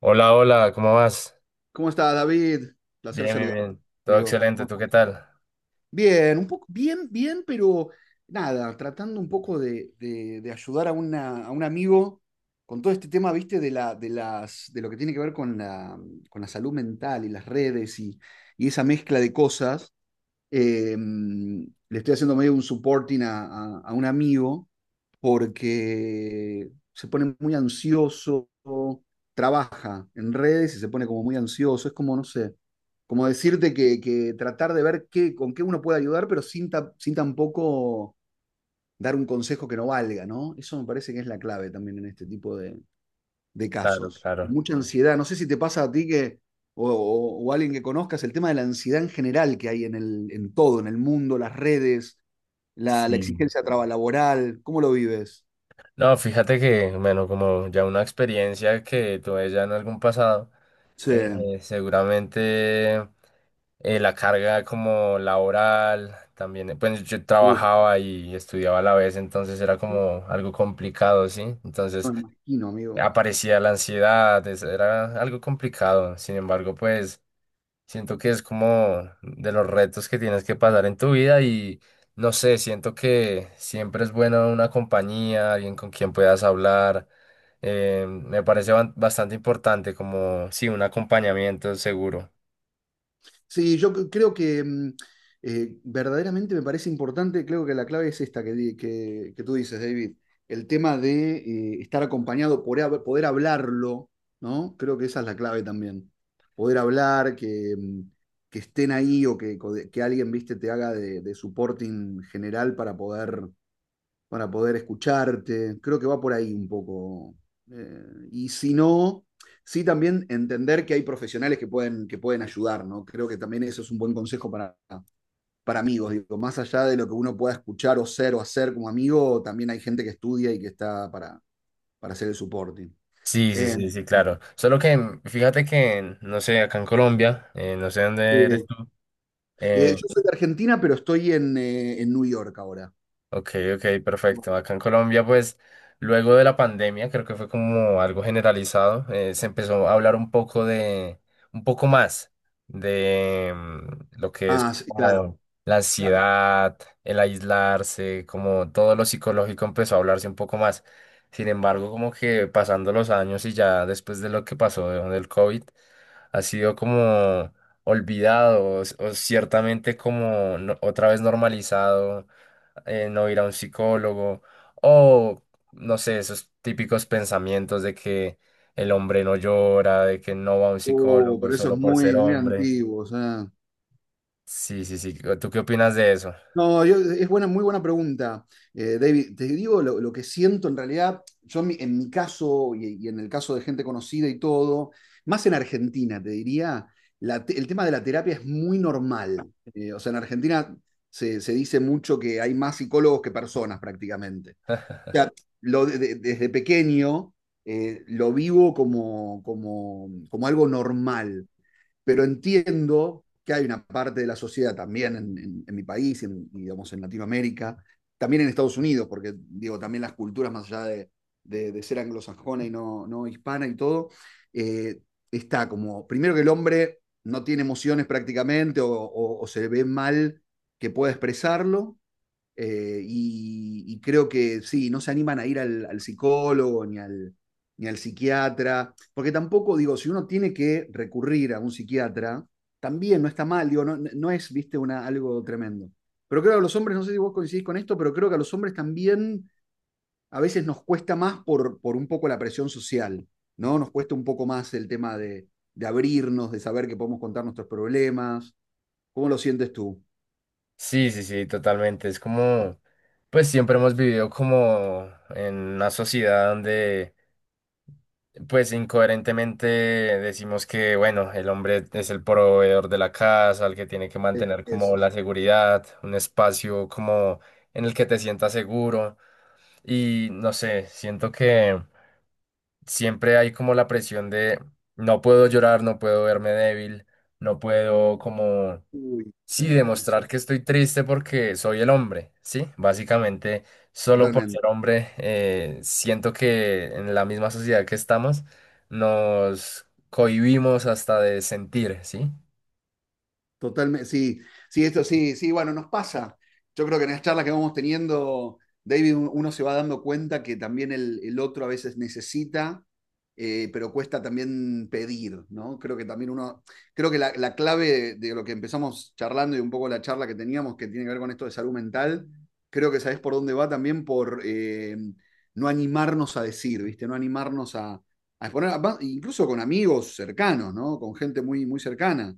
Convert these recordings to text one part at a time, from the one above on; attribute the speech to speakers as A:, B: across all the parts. A: Hola, hola, ¿cómo vas?
B: ¿Cómo está, David? Placer
A: Bien, bien,
B: saludarte,
A: bien. Todo
B: amigo.
A: excelente,
B: ¿Cómo
A: ¿tú qué
B: estás tú?
A: tal?
B: Bien, un poco, bien, bien, pero nada, tratando un poco de ayudar a, a un amigo con todo este tema, viste, de lo que tiene que ver con con la salud mental y las redes y esa mezcla de cosas. Le estoy haciendo medio un supporting a un amigo porque se pone muy ansioso, trabaja en redes y se pone como muy ansioso. Es como, no sé, como decirte que tratar de ver qué, con qué uno puede ayudar, pero sin tampoco dar un consejo que no valga, ¿no? Eso me parece que es la clave también en este tipo de
A: Claro,
B: casos,
A: claro.
B: mucha ansiedad. No sé si te pasa a ti que, o a alguien que conozcas, el tema de la ansiedad en general que hay en todo, en el mundo, las redes, la
A: Sí.
B: exigencia laboral, ¿cómo lo vives?
A: No, fíjate que, bueno, como ya una experiencia que tuve ya en algún pasado,
B: Sí.
A: seguramente la carga como laboral, también, pues yo
B: Uf,
A: trabajaba y estudiaba a la vez, entonces era como algo complicado, ¿sí?
B: no
A: Entonces
B: me imagino, amigo.
A: aparecía la ansiedad, era algo complicado, sin embargo, pues... Siento que es como de los retos que tienes que pasar en tu vida y no sé, siento que siempre es bueno una compañía, alguien con quien puedas hablar. Me parece bastante importante como, sí, un acompañamiento seguro.
B: Sí, yo creo que verdaderamente me parece importante. Creo que la clave es esta que tú dices, David, el tema de estar acompañado, poder hablarlo, ¿no? Creo que esa es la clave también. Poder hablar, que estén ahí o que alguien, viste, te haga de supporting general para poder escucharte. Creo que va por ahí un poco. Eh, y si no, sí también entender que hay profesionales que pueden ayudar, ¿no? Creo que también eso es un buen consejo para amigos. Digo, más allá de lo que uno pueda escuchar o ser o hacer como amigo, también hay gente que estudia y que está para hacer el supporting.
A: Sí, sí,
B: Eh,
A: sí, sí, claro. Solo que mm, fíjate que, no sé, acá en Colombia, no sé dónde eres
B: eh,
A: tú, eh,
B: yo soy de Argentina, pero estoy en New York ahora.
A: ok, ok, perfecto. Acá en Colombia, pues, luego de la pandemia, creo que fue como algo generalizado, se empezó a hablar un poco de, un poco más de mm, lo que es
B: Ah, sí, claro,
A: como la
B: claro.
A: ansiedad, el aislarse, como todo lo psicológico empezó a hablarse un poco más. Sin embargo, como que pasando los años y ya después de lo que pasó del COVID, ha sido como olvidado o ciertamente como otra vez normalizado no ir a un psicólogo o, no sé, esos típicos pensamientos de que el hombre no llora, de que no va a un
B: Oh,
A: psicólogo
B: pero eso es
A: solo por
B: muy,
A: ser
B: muy
A: hombre.
B: antiguo. O sea.
A: Sí, sí, sí. ¿Tú qué opinas de eso?
B: No, es buena, muy buena pregunta, David. Te digo lo que siento en realidad, yo en en mi caso y en el caso de gente conocida y todo, más en Argentina, te diría, el tema de la terapia es muy normal. O sea, en Argentina se dice mucho que hay más psicólogos que personas prácticamente. O sea, desde pequeño, lo vivo como, como algo normal, pero entiendo que hay una parte de la sociedad también en mi país, en, digamos, en Latinoamérica, también en Estados Unidos, porque digo, también las culturas más allá de, de ser anglosajona y no, no hispana y todo, eh, está como, primero que el hombre no tiene emociones prácticamente o se ve mal que pueda expresarlo, y creo que sí, no se animan a ir al, al psicólogo ni al, ni al psiquiatra, porque tampoco digo, si uno tiene que recurrir a un psiquiatra, también no está mal, digo, no es, viste, una, algo tremendo. Pero creo que a los hombres, no sé si vos coincidís con esto, pero creo que a los hombres también a veces nos cuesta más por un poco la presión social, ¿no? Nos cuesta un poco más el tema de abrirnos, de saber que podemos contar nuestros problemas. ¿Cómo lo sientes tú?
A: Sí, sí, sí, totalmente. Es como, pues siempre hemos vivido como en una sociedad donde, pues incoherentemente decimos que, bueno, el hombre es el proveedor de la casa, el que tiene que mantener como
B: Eso.
A: la seguridad, un espacio como en el que te sientas seguro. Y no sé, siento que siempre hay como la presión de no puedo llorar, no puedo verme débil, no puedo como,
B: Uy, sí,
A: sí, demostrar
B: eso.
A: que estoy triste porque soy el hombre, ¿sí? Básicamente, solo por
B: Totalmente.
A: ser hombre, siento que en la misma sociedad que estamos nos cohibimos hasta de sentir, ¿sí?
B: Totalmente, sí, sí, esto sí, sí, bueno, nos pasa. Yo creo que en las charlas que vamos teniendo, David, uno se va dando cuenta que también el otro a veces necesita, pero cuesta también pedir, ¿no? Creo que también uno, creo que la clave de lo que empezamos charlando y un poco la charla que teníamos que tiene que ver con esto de salud mental, creo que sabés por dónde va también por no animarnos a decir, ¿viste? No animarnos a exponer, incluso con amigos cercanos, ¿no? Con gente muy, muy cercana,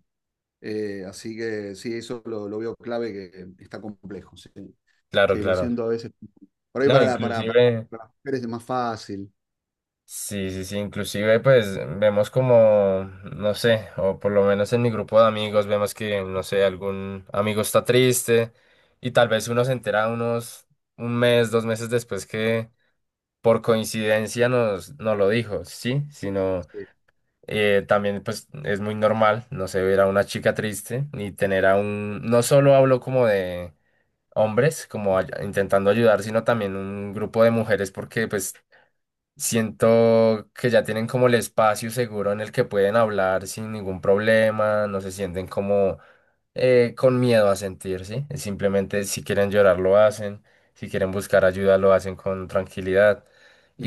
B: así que sí, eso lo veo clave, que está complejo. Sí.
A: Claro,
B: Sí, lo
A: claro.
B: siento a veces. Por ahí
A: No, inclusive...
B: para las mujeres es más fácil.
A: Sí, sí, sí, inclusive pues vemos como, no sé, o por lo menos en mi grupo de amigos vemos que, no sé, algún amigo está triste y tal vez uno se entera unos 1 mes, 2 meses después que por coincidencia nos lo dijo, sí, sino
B: Sí.
A: también pues es muy normal, no sé, ver a una chica triste y tener a un, no solo hablo como de hombres, como intentando ayudar, sino también un grupo de mujeres porque pues siento que ya tienen como el espacio seguro en el que pueden hablar sin ningún problema, no se sienten como con miedo a sentir, ¿sí? Simplemente si quieren llorar lo hacen, si quieren buscar ayuda lo hacen con tranquilidad.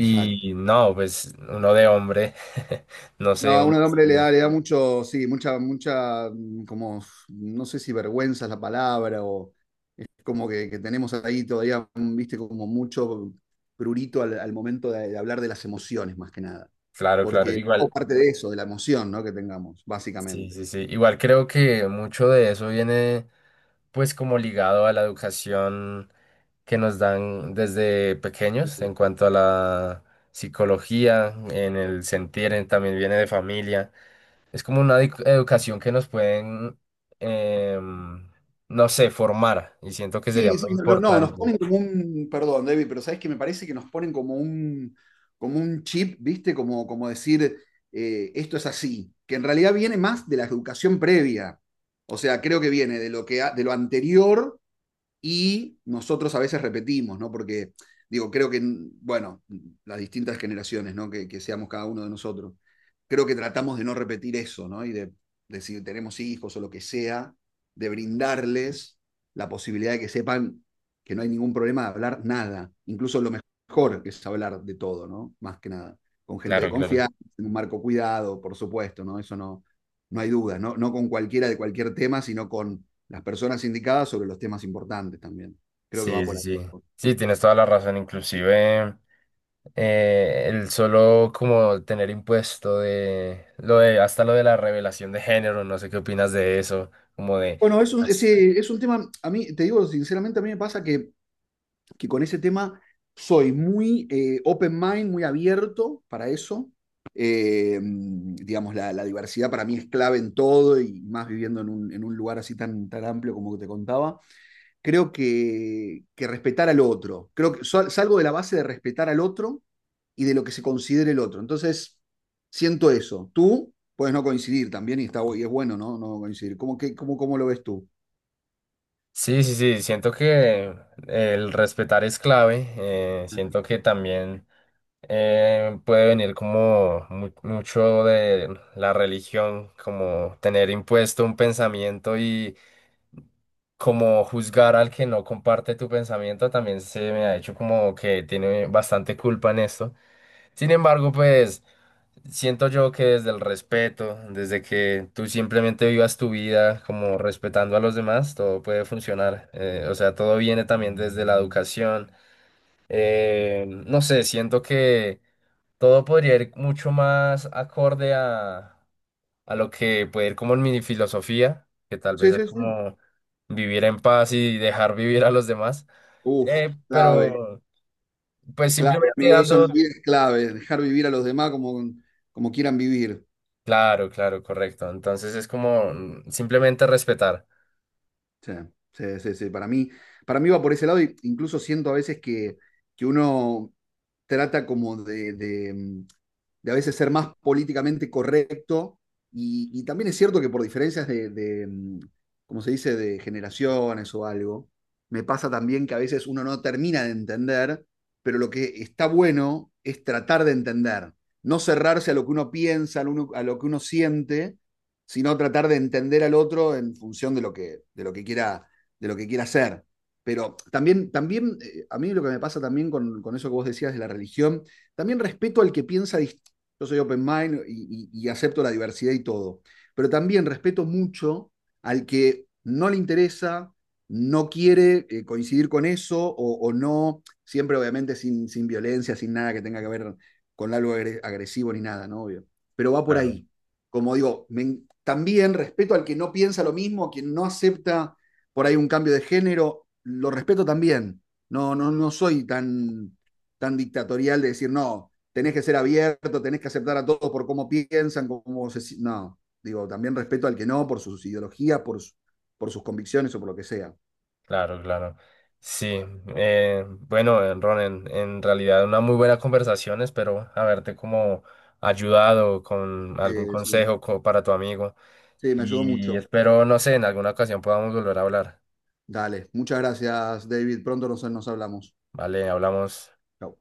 B: Exacto.
A: no, pues uno de hombre, no
B: No,
A: sé,
B: a un
A: uno,
B: hombre
A: no.
B: le da mucho, sí, mucha, mucha, como, no sé si vergüenza es la palabra, o es como que tenemos ahí todavía, viste, como mucho prurito al momento de hablar de las emociones, más que nada.
A: Claro, claro,
B: Porque es
A: igual,
B: parte de eso, de la emoción, ¿no? Que tengamos,
A: sí,
B: básicamente.
A: sí, sí, igual creo que mucho de eso viene pues como ligado a la educación que nos dan desde pequeños en cuanto a la psicología, en el sentir, también viene de familia. Es como una educación que nos pueden, em, no sé, formar y siento que sería
B: Sí, sí,
A: muy
B: no, no, nos
A: importante.
B: ponen como un, perdón, David, pero sabes que me parece que nos ponen como un chip, ¿viste? Como, como decir, esto es así, que en realidad viene más de la educación previa. O sea, creo que viene de lo que, de lo anterior y nosotros a veces repetimos, ¿no? Porque, digo, creo que, bueno, las distintas generaciones, ¿no? Que seamos cada uno de nosotros, creo que tratamos de no repetir eso, ¿no? Y de si tenemos hijos o lo que sea, de brindarles la posibilidad de que sepan que no hay ningún problema de hablar nada, incluso lo mejor que es hablar de todo, ¿no? Más que nada, con gente de
A: Claro, claro.
B: confianza, en un marco cuidado, por supuesto, ¿no? Eso no, no hay duda, ¿no? No con cualquiera de cualquier tema, sino con las personas indicadas sobre los temas importantes también. Creo que
A: Sí,
B: va
A: sí,
B: por ahí,
A: sí. Sí,
B: ¿no?
A: tienes toda la razón. Inclusive el solo como tener impuesto de lo de hasta lo de la revelación de género, no sé qué opinas de eso, como de
B: Bueno, es un tema, a mí, te digo sinceramente, a mí me pasa que con ese tema soy muy open mind, muy abierto para eso. Digamos, diversidad para mí es clave en todo y más viviendo en un lugar así tan, tan amplio como que te contaba. Creo que respetar al otro. Creo salgo de la base de respetar al otro y de lo que se considere el otro. Entonces, siento eso. Tú puedes no coincidir también y, está, y es bueno, ¿no? No coincidir. ¿Cómo lo ves tú?
A: sí, sí, sí, siento que el respetar es clave, siento que también puede venir como mucho de la religión, como tener impuesto un pensamiento y como juzgar al que no comparte tu pensamiento, también se me ha hecho como que tiene bastante culpa en esto. Sin embargo, pues siento yo que desde el respeto, desde que tú simplemente vivas tu vida como respetando a los demás, todo puede funcionar. O sea, todo viene también desde la educación. No sé, siento que todo podría ir mucho más acorde a lo que puede ir como en mi filosofía, que tal vez
B: Sí,
A: es
B: sí, sí.
A: como vivir en paz y dejar vivir a los demás.
B: Uf, clave,
A: Pero pues
B: clave,
A: simplemente
B: amigo. Eso no
A: dando
B: es clave. Dejar vivir a los demás como, como quieran vivir.
A: claro, claro, correcto. Entonces es como mm, simplemente respetar.
B: Sí, sí, sí, sí. Para mí va por ese lado. E incluso siento a veces que uno trata como de a veces ser más políticamente correcto. Y también es cierto que por diferencias de, como se dice, de generaciones o algo, me pasa también que a veces uno no termina de entender, pero lo que está bueno es tratar de entender, no cerrarse a lo que uno piensa, a lo que uno siente, sino tratar de entender al otro en función de lo que quiera de lo que quiera hacer. Pero también, también a mí lo que me pasa también eso que vos decías de la religión, también respeto al que piensa di yo soy open mind y, y acepto la diversidad y todo. Pero también respeto mucho al que no le interesa, no quiere coincidir con eso o no, siempre obviamente sin violencia, sin nada que tenga que ver con algo agresivo ni nada, ¿no? Obvio. Pero va por
A: Claro,
B: ahí. Como digo, me, también respeto al que no piensa lo mismo, a quien no acepta por ahí un cambio de género, lo respeto también. No, no, no soy tan, tan dictatorial de decir, no, tenés que ser abierto, tenés que aceptar a todos por cómo piensan, cómo se... si-, No, digo, también respeto al que no, por sus ideologías, su, por sus convicciones o por lo que sea.
A: claro, claro. Sí, bueno, Ron, en realidad una muy buena conversación. Espero haberte como ayudado con algún
B: Sí,
A: consejo para tu amigo.
B: sí, me ayudó
A: Y
B: mucho.
A: espero, no sé, en alguna ocasión podamos volver a hablar.
B: Dale, muchas gracias, David, pronto nos, nos hablamos.
A: Vale, hablamos.
B: Chao.